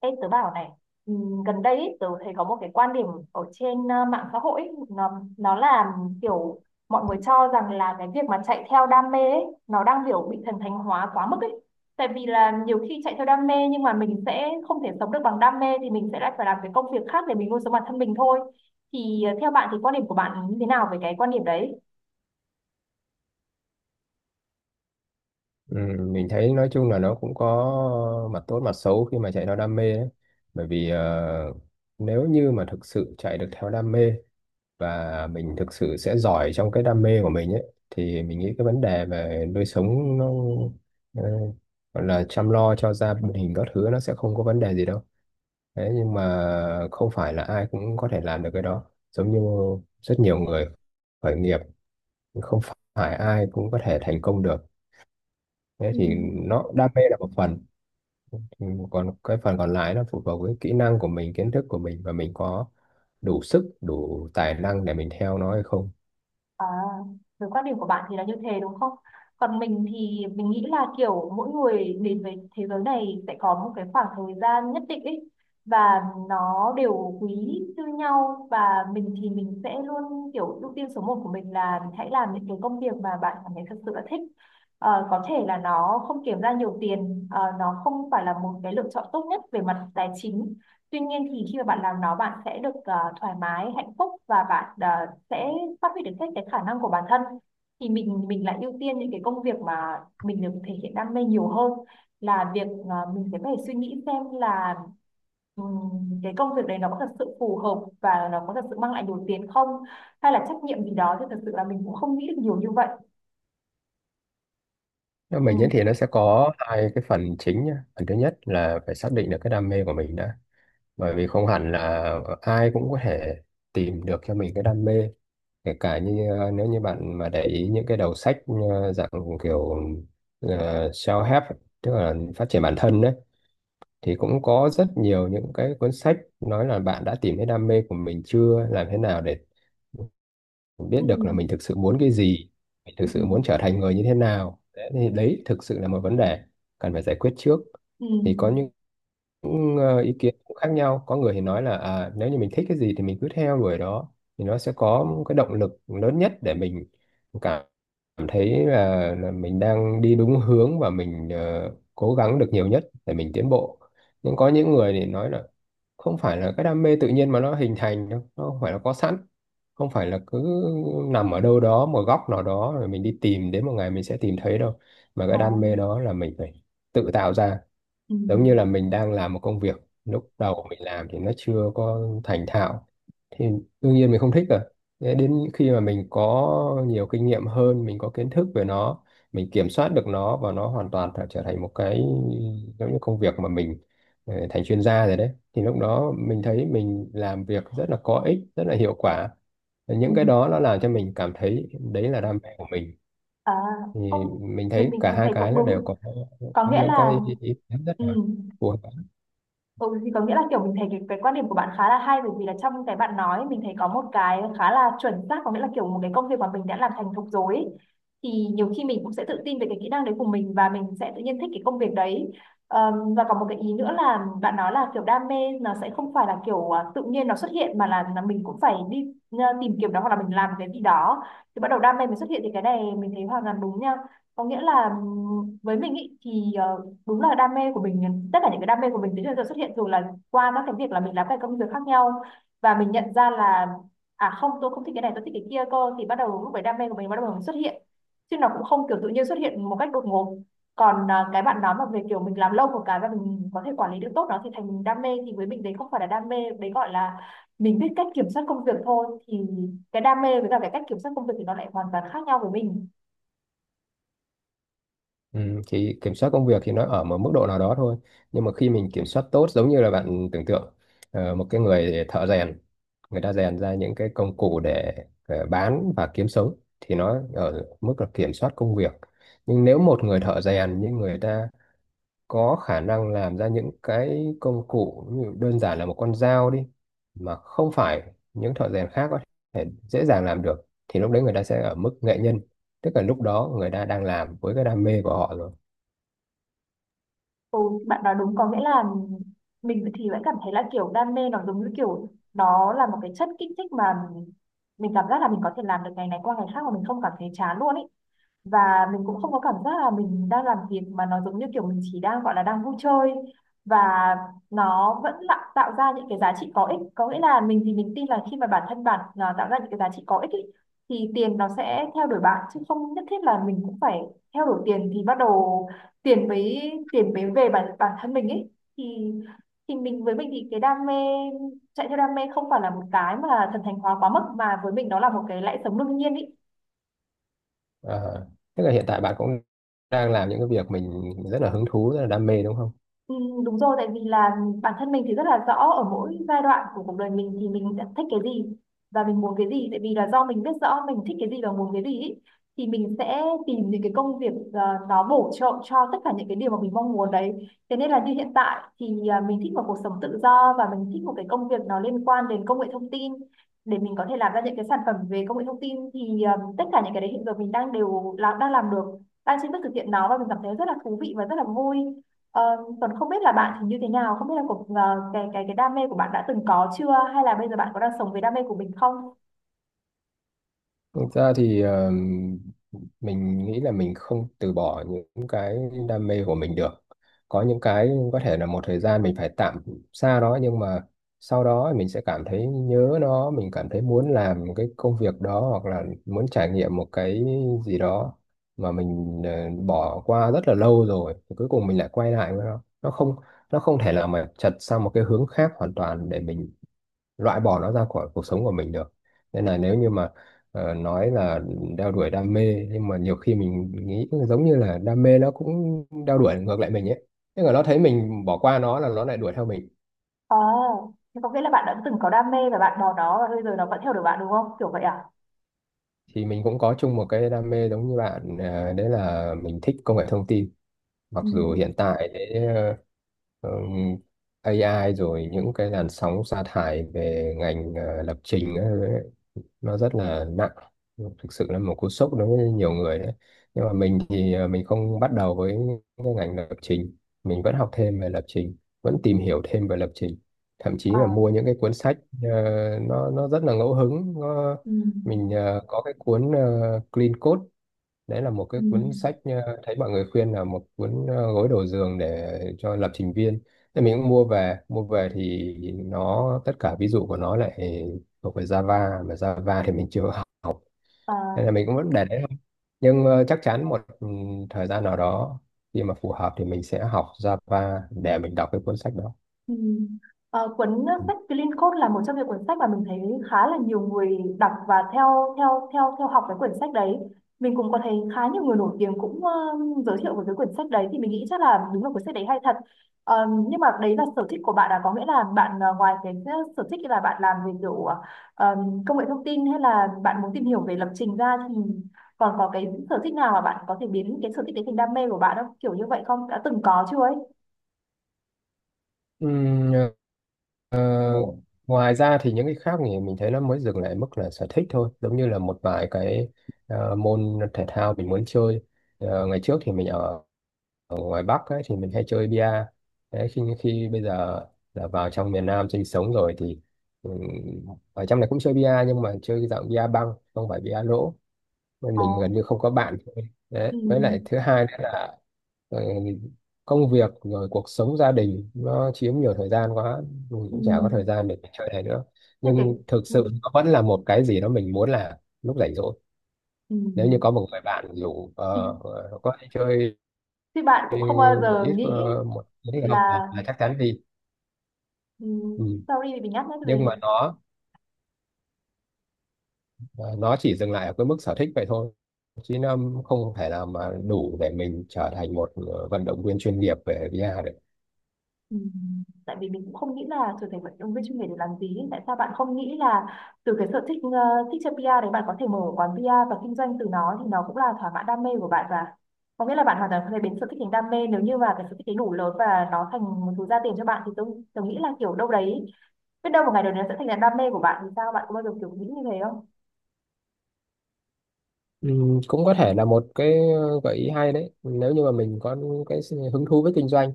Ê, tớ bảo này, gần đây ý, tớ thấy có một cái quan điểm ở trên mạng xã hội ý, nó là kiểu mọi người cho rằng là cái việc mà chạy theo đam mê ấy, nó đang kiểu bị thần thánh hóa quá mức ấy. Tại vì là nhiều khi chạy theo đam mê nhưng mà mình sẽ không thể sống được bằng đam mê thì mình sẽ lại phải làm cái công việc khác để mình nuôi sống bản thân mình thôi. Thì theo bạn thì quan điểm của bạn như thế nào về cái quan điểm đấy? Ừ, mình thấy nói chung là nó cũng có mặt tốt mặt xấu khi mà chạy theo đam mê ấy. Bởi vì nếu như mà thực sự chạy được theo đam mê và mình thực sự sẽ giỏi trong cái đam mê của mình ấy, thì mình nghĩ cái vấn đề về nuôi sống nó, ờ, gọi là chăm lo cho gia đình các thứ, nó sẽ không có vấn đề gì đâu. Thế nhưng mà không phải là ai cũng có thể làm được cái đó. Giống như rất nhiều người khởi nghiệp, không phải ai cũng có thể thành công được. Thế Ừ. thì nó đam mê là một phần. Ừ, còn cái phần còn lại nó phụ thuộc với kỹ năng của mình, kiến thức của mình, và mình có đủ sức đủ tài năng để mình theo nó hay không. À, với quan điểm của bạn thì là như thế đúng không? Còn mình thì mình nghĩ là kiểu mỗi người đến với thế giới này sẽ có một cái khoảng thời gian nhất định ấy và nó đều quý như nhau và mình thì mình sẽ luôn kiểu ưu tiên số một của mình là mình hãy làm những cái công việc mà bạn cảm thấy thật sự là thích. Ờ, có thể là nó không kiếm ra nhiều tiền, ờ, nó không phải là một cái lựa chọn tốt nhất về mặt tài chính. Tuy nhiên thì khi mà bạn làm nó bạn sẽ được thoải mái, hạnh phúc và bạn sẽ phát huy được hết cái khả năng của bản thân thì mình lại ưu tiên những cái công việc mà mình được thể hiện đam mê nhiều hơn là việc à, mình sẽ phải suy nghĩ xem là cái công việc đấy nó có thật sự phù hợp và nó có thật sự mang lại đủ tiền không hay là trách nhiệm gì đó thì thật sự là mình cũng không nghĩ được nhiều như vậy. Nếu Ừ. mình diễn thì nó sẽ có hai cái phần chính nhá. Phần thứ nhất là phải xác định được cái đam mê của mình đã, bởi vì không hẳn là ai cũng có thể tìm được cho mình cái đam mê, kể cả như nếu như bạn mà để ý những cái đầu sách dạng kiểu uh, self-help ấy, tức là phát triển bản thân đấy, thì cũng có rất nhiều những cái cuốn sách nói là bạn đã tìm thấy đam mê của mình chưa, làm thế nào để biết Ừ. được là mình thực sự muốn cái gì, mình Ừ. thực sự muốn trở thành người như thế nào đấy, thì đấy thực sự là một vấn đề cần phải giải quyết trước. Ừ. Thì có những ý kiến cũng khác nhau. Có người thì nói là à, nếu như mình thích cái gì thì mình cứ theo đuổi đó, thì nó sẽ có cái động lực lớn nhất để mình cảm cảm thấy là mình đang đi đúng hướng, và mình cố gắng được nhiều nhất để mình tiến bộ. Nhưng có những người thì nói là không phải là cái đam mê tự nhiên mà nó hình thành đâu, nó không phải là có sẵn, không phải là cứ nằm ở đâu đó một góc nào đó rồi mình đi tìm đến một ngày mình sẽ tìm thấy đâu, mà Ờ. cái đam mê đó là mình phải tự tạo ra. Ừ. Giống như là mình đang làm một công việc, lúc đầu mình làm thì nó chưa có thành thạo thì đương nhiên mình không thích rồi. Thế đến khi mà mình có nhiều kinh nghiệm hơn, mình có kiến thức về nó, mình kiểm soát được nó, và nó hoàn toàn trở trở thành một cái giống như công việc mà mình thành chuyên gia rồi đấy, thì lúc đó mình thấy mình làm việc rất là có ích, rất là hiệu quả. Và Ừ. những cái đó nó làm cho mình cảm thấy đấy là đam mê của mình. À, Thì không, mình mình thấy mình cả mình hai thấy cái cũng nó đều đúng, có có nghĩa những là cái ý kiến rất ừ. là phù hợp. Ừ, thì có nghĩa là kiểu mình thấy cái quan điểm của bạn khá là hay bởi vì là trong cái bạn nói mình thấy có một cái khá là chuẩn xác, có nghĩa là kiểu một cái công việc mà mình đã làm thành thục rồi ấy. Thì nhiều khi mình cũng sẽ tự tin về cái kỹ năng đấy của mình và mình sẽ tự nhiên thích cái công việc đấy. Và có một cái ý nữa là bạn nói là kiểu đam mê nó sẽ không phải là kiểu à, tự nhiên nó xuất hiện mà là mình cũng phải đi à, tìm kiếm nó hoặc là mình làm cái gì đó thì bắt đầu đam mê mới xuất hiện thì cái này mình thấy hoàn toàn đúng nha. Có nghĩa là với mình ý, thì đúng là đam mê của mình, tất cả những cái đam mê của mình đến giờ xuất hiện dù là qua các cái việc là mình làm các công việc khác nhau và mình nhận ra là à không, tôi không thích cái này tôi thích cái kia cơ thì bắt đầu lúc đấy đam mê của mình bắt đầu xuất hiện chứ nó cũng không kiểu tự nhiên xuất hiện một cách đột ngột. Còn à, cái bạn nói mà về kiểu mình làm lâu một cái và mình có thể quản lý được tốt nó thì thành mình đam mê thì với mình đấy không phải là đam mê, đấy gọi là mình biết cách kiểm soát công việc thôi. Thì cái đam mê với cả cái cách kiểm soát công việc thì nó lại hoàn toàn khác nhau với mình. Ừ, thì kiểm soát công việc thì nó ở một mức độ nào đó thôi, nhưng mà khi mình kiểm soát tốt, giống như là bạn tưởng tượng một cái người thợ rèn, người ta rèn ra những cái công cụ để bán và kiếm sống, thì nó ở mức là kiểm soát công việc. Nhưng nếu một người thợ rèn nhưng người ta có khả năng làm ra những cái công cụ, như đơn giản là một con dao đi, mà không phải những thợ rèn khác có thể dễ dàng làm được, thì lúc đấy người ta sẽ ở mức nghệ nhân, tức là lúc đó người ta đang làm với cái đam mê của họ rồi. Ừ, bạn nói đúng, có nghĩa là mình thì vẫn cảm thấy là kiểu đam mê nó giống như kiểu nó là một cái chất kích thích mà mình cảm giác là mình có thể làm được ngày này qua ngày khác mà mình không cảm thấy chán luôn ý, và mình cũng không có cảm giác là mình đang làm việc mà nó giống như kiểu mình chỉ đang gọi là đang vui chơi và nó vẫn là tạo ra những cái giá trị có ích, có nghĩa là mình thì mình tin là khi mà bản thân bạn là tạo ra những cái giá trị có ích ý, thì tiền nó sẽ theo đuổi bạn chứ không nhất thiết là mình cũng phải theo đuổi tiền thì bắt đầu tiền mới về bản bản thân mình ấy. thì thì mình, với mình thì cái đam mê, chạy theo đam mê không phải là một cái mà thần thánh hóa quá mức mà với mình nó là một cái lẽ sống đương nhiên ý. Ờ, Thế là hiện tại bạn cũng đang làm những cái việc mình rất là hứng thú, rất là đam mê đúng không? Ừ, đúng rồi, tại vì là bản thân mình thì rất là rõ ở mỗi giai đoạn của cuộc đời mình thì mình sẽ thích cái gì và mình muốn cái gì, tại vì là do mình biết rõ mình thích cái gì và muốn cái gì ý, thì mình sẽ tìm những cái công việc nó bổ trợ cho tất cả những cái điều mà mình mong muốn đấy. Thế nên là như hiện tại thì à, mình thích một cuộc sống tự do và mình thích một cái công việc nó liên quan đến công nghệ thông tin để mình có thể làm ra những cái sản phẩm về công nghệ thông tin thì à, tất cả những cái đấy hiện giờ mình đang đều làm, đang làm được, đang chính thức thực hiện nó và mình cảm thấy rất là thú vị và rất là vui. Ờ, còn không biết là bạn thì như thế nào, không biết là cái đam mê của bạn đã từng có chưa, hay là bây giờ bạn có đang sống với đam mê của mình không? Thực ra thì mình nghĩ là mình không từ bỏ những cái đam mê của mình được. Có những cái có thể là một thời gian mình phải tạm xa nó, nhưng mà sau đó mình sẽ cảm thấy nhớ nó, mình cảm thấy muốn làm cái công việc đó hoặc là muốn trải nghiệm một cái gì đó mà mình bỏ qua rất là lâu rồi, thì cuối cùng mình lại quay lại với nó. Nó không thể là mà chật sang một cái hướng khác hoàn toàn để mình loại bỏ nó ra khỏi cuộc sống của mình được. Nên là nếu như mà nói là đeo đuổi đam mê, nhưng mà nhiều khi mình nghĩ giống như là đam mê nó cũng đeo đuổi ngược lại mình ấy, tức là nó thấy mình bỏ qua nó là nó lại đuổi theo mình. Ờ, thế có nghĩa là bạn đã từng có đam mê và bạn bỏ nó và bây giờ nó vẫn theo đuổi bạn đúng không? Kiểu vậy à? Thì mình cũng có chung một cái đam mê giống như bạn, đấy là mình thích công nghệ thông tin. Mặc Ừ. dù hiện tại đấy, ờ, ừm, AI rồi những cái làn sóng sa thải về ngành lập trình ấy, nó rất là nặng, thực sự là một cú sốc đối với nhiều người đấy. Nhưng mà mình thì à, mình không bắt đầu với cái ngành lập trình, mình vẫn học thêm về lập trình, vẫn tìm hiểu thêm về lập trình, thậm chí Ờ. là mua những cái cuốn sách ờ, nó rất là ngẫu hứng nó, Ừ. mình có cái cuốn Clean Code, đấy là một Ừ. cái cuốn sách thấy mọi người khuyên là một cuốn gối đầu giường để cho lập trình viên. Thì mình cũng mua về, thì nó tất cả ví dụ của nó lại thuộc về Java, mà Java thì mình chưa học, Ờ. nên là mình cũng vẫn để đấy thôi. Nhưng chắc chắn một thời gian nào đó khi mà phù hợp thì mình sẽ học Java để mình đọc cái cuốn sách đó. Ừ. Ờ, cuốn sách Clean Code là một trong những cuốn sách mà mình thấy khá là nhiều người đọc và theo theo theo theo học cái quyển sách đấy. Mình cũng có thấy khá nhiều người nổi tiếng cũng giới thiệu về cái quyển sách đấy thì mình nghĩ chắc là đúng là cuốn sách đấy hay thật. Ờ, nhưng mà đấy là sở thích của bạn. Là có nghĩa là bạn ngoài cái sở thích là bạn làm về kiểu ờ, công nghệ thông tin hay là bạn muốn tìm hiểu về lập trình ra thì còn có cái sở thích nào mà bạn có thể biến cái sở thích đấy thành đam mê của bạn không? Kiểu như vậy không? Đã từng có chưa ấy? Ừ. Ờ, Ngoài ra thì những cái khác thì mình thấy nó mới dừng lại mức là sở thích thôi, giống như là một vài cái môn thể thao mình muốn chơi. Ngày trước thì mình ở ngoài Bắc ấy, thì mình hay chơi bia. Đấy, khi khi bây giờ là vào trong miền Nam sinh sống rồi, thì ừm, ở trong này cũng chơi bia, nhưng mà chơi cái dạng bia băng không phải bia lỗ, nên Ờ. mình gần như không có bạn thôi đấy, Ừ. với lại thứ hai nữa là ờ, công việc rồi cuộc sống gia đình nó chiếm nhiều thời gian quá, mình Ừ. cũng chả có thời gian để chơi này nữa. Thế cái Nhưng thực ừ. sự nó vẫn là một cái gì đó mình muốn làm lúc rảnh rỗi, Ừ. nếu như có một người bạn rủ Ừ. Có đi chơi Thì bạn cũng không bao một giờ ít nghĩ ờ, một một ít không là là chắc chắn đi. ừ, Ừ. sorry vì mình nhắc nhé Nhưng mà gì. nó chỉ dừng lại ở cái mức sở thích vậy thôi, chứ nó không thể nào mà đủ để mình trở thành một vận động viên chuyên nghiệp về VR được. Ừ. Tại vì mình cũng không nghĩ là trở thành vận động viên chuyên nghiệp để làm gì. Tại sao bạn không nghĩ là từ cái sở thích thích chơi PR đấy bạn có thể mở quán PR và kinh doanh từ nó thì nó cũng là thỏa mãn đam mê của bạn, và có nghĩa là bạn hoàn toàn có thể biến sở thích thành đam mê nếu như mà cái sở thích ấy đủ lớn và nó thành một thứ ra tiền cho bạn thì tôi nghĩ là kiểu đâu đấy, biết đâu một ngày nào đấy nó sẽ thành là đam mê của bạn thì sao, bạn có bao giờ kiểu nghĩ như thế không? Ừ, cũng có thể là một cái gợi ý hay đấy, nếu như mà mình có cái sự hứng thú với kinh doanh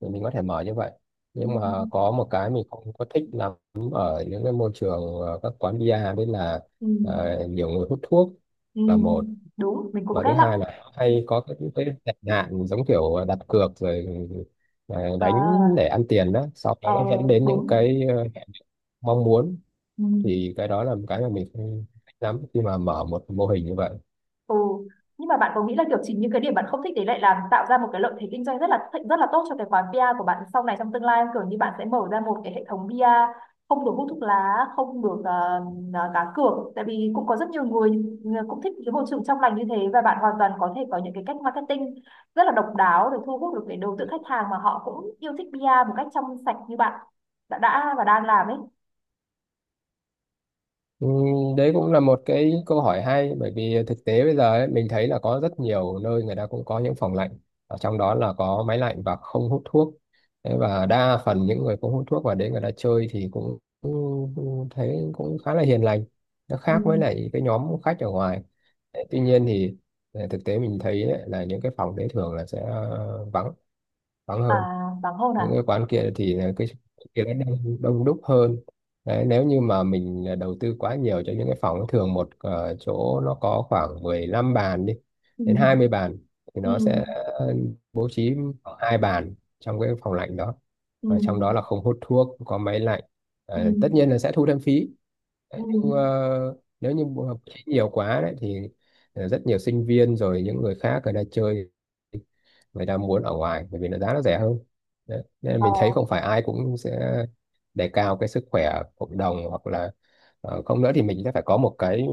thì mình có thể mở như vậy. Ừ. Nhưng mà có một cái mình không có thích lắm ở những cái môi trường các quán bia. Đấy là Ừ. Nhiều người hút thuốc Ừ, là một, đúng, mình cũng và thứ ghét lắm. hai là hay có cái tệ nạn giống kiểu đặt cược rồi đánh À. để ăn tiền đó, sau đó Ờ. nó dẫn đến những Đúng. cái mong muốn. Ừ. Thì cái đó là một cái mà mình không thích lắm khi mà mở một mô hình như vậy. Ừ, nhưng mà bạn có nghĩ là kiểu chính những cái điểm bạn không thích đấy lại làm tạo ra một cái lợi thế kinh doanh rất là tốt cho cái quán bia của bạn sau này trong tương lai không? Kiểu như bạn sẽ mở ra một cái hệ thống bia không được hút thuốc lá, không được cá cược, tại vì cũng có rất nhiều người cũng thích cái môi trường trong lành như thế và bạn hoàn toàn có thể có những cái cách marketing rất là độc đáo để thu hút được cái đối tượng khách hàng mà họ cũng yêu thích bia một cách trong sạch như bạn đã và đang làm ấy. Ừ, đấy cũng là một cái câu hỏi hay, bởi vì thực tế bây giờ ấy, mình thấy là có rất nhiều nơi người ta cũng có những phòng lạnh, ở trong đó là có máy lạnh và không hút thuốc. Thế và đa phần những người không hút thuốc vào đấy người ta chơi thì cũng thấy cũng khá là hiền lành, nó Ừ. khác với lại cái nhóm khách ở ngoài. Đấy, tuy nhiên thì thực tế mình thấy ấy, là những cái phòng đấy thường là sẽ ờ, vắng vắng À, hơn hoàng hôn những à? cái quán kia, thì là cái kia nó đông đúc hơn đấy. Nếu như mà mình à, đầu tư quá nhiều cho những cái phòng thường, một chỗ nó có khoảng 15 bàn đi Ừ, đến 20 bàn, thì ừ, nó sẽ bố trí khoảng hai bàn trong cái phòng lạnh đó, ừ, và trong đó là không hút thuốc, có máy lạnh. Ờ, tất ừ, nhiên là sẽ thu thêm phí. ừ, Đấy, nhưng ừ, nếu như bố trí nhiều quá đấy thì rất nhiều sinh viên rồi những người khác người ta chơi, người ta muốn ở ngoài bởi vì nó giá nó rẻ hơn. Đấy. Nên là ờ, mình thấy không phải ai cũng sẽ đề cao cái sức khỏe cộng đồng, hoặc là không nữa thì mình sẽ phải có một cái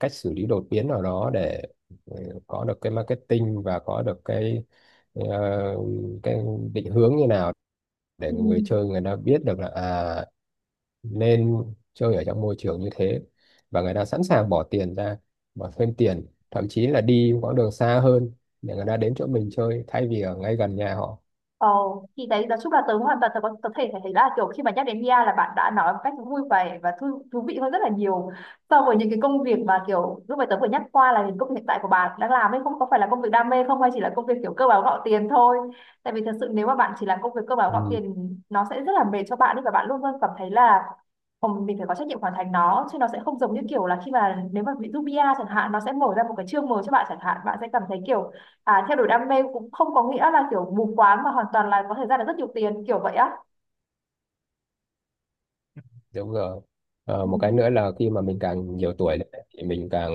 cách xử lý đột biến nào đó để ờ, có được cái marketing và có được ờ, cái định hướng như nào, để ừ. người chơi người ta biết được là à nên chơi ở trong môi trường như thế, và người ta sẵn sàng bỏ tiền ra, bỏ thêm tiền, thậm chí là đi quãng đường xa hơn để người ta đến chỗ mình chơi thay vì ở ngay gần nhà họ. Ờ, thì đấy nói chung là tớ hoàn toàn tớ thể thể thấy là kiểu khi mà nhắc đến Mia là bạn đã nói một cách vui vẻ và thú vị hơn rất là nhiều so với những cái công việc mà kiểu lúc mà tớ vừa nhắc qua là những công việc hiện tại của bạn đang làm ấy, không có phải là công việc đam mê không hay chỉ là công việc kiểu cơ bản gạo tiền thôi, tại vì thật sự nếu mà bạn chỉ làm công việc cơ bản gạo Ừ. tiền nó sẽ rất là mệt cho bạn ấy và bạn luôn luôn cảm thấy là "Ồ, mình phải có trách nhiệm hoàn thành nó", chứ nó sẽ không giống như kiểu là khi mà nếu mà ví dụ Mia chẳng hạn, nó sẽ mở ra một cái chương mới cho bạn chẳng hạn, bạn sẽ cảm thấy kiểu à, theo đuổi đam mê cũng không có nghĩa là kiểu mù quáng mà hoàn toàn là có thể ra được rất nhiều tiền kiểu vậy á. Đúng rồi. Ừ. Một cái nữa là khi mà mình càng nhiều tuổi lên ấy, thì mình càng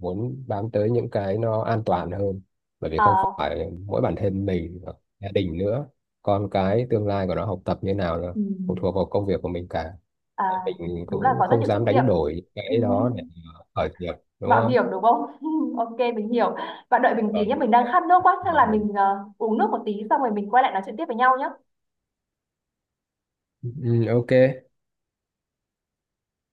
muốn bám tới những cái nó an toàn hơn. Bởi vì không À, phải mỗi bản thân mình, mà gia đình nữa, con cái tương lai của nó học tập như nào nữa, ừ. phụ thuộc vào công việc của mình cả. À, Mình đúng là cũng có rất không nhiều trách dám nhiệm. đánh đổi Ừ. cái đó để mà khởi nghiệp, đúng Mạo không? hiểm đúng không? Ok mình hiểu. Bạn đợi mình Ờ, tí nhé, mình đang khát nước quá, chắc Khởi là nghiệp. mình uống nước một tí xong rồi mình quay lại nói chuyện tiếp với nhau nhé. Ừ, ok.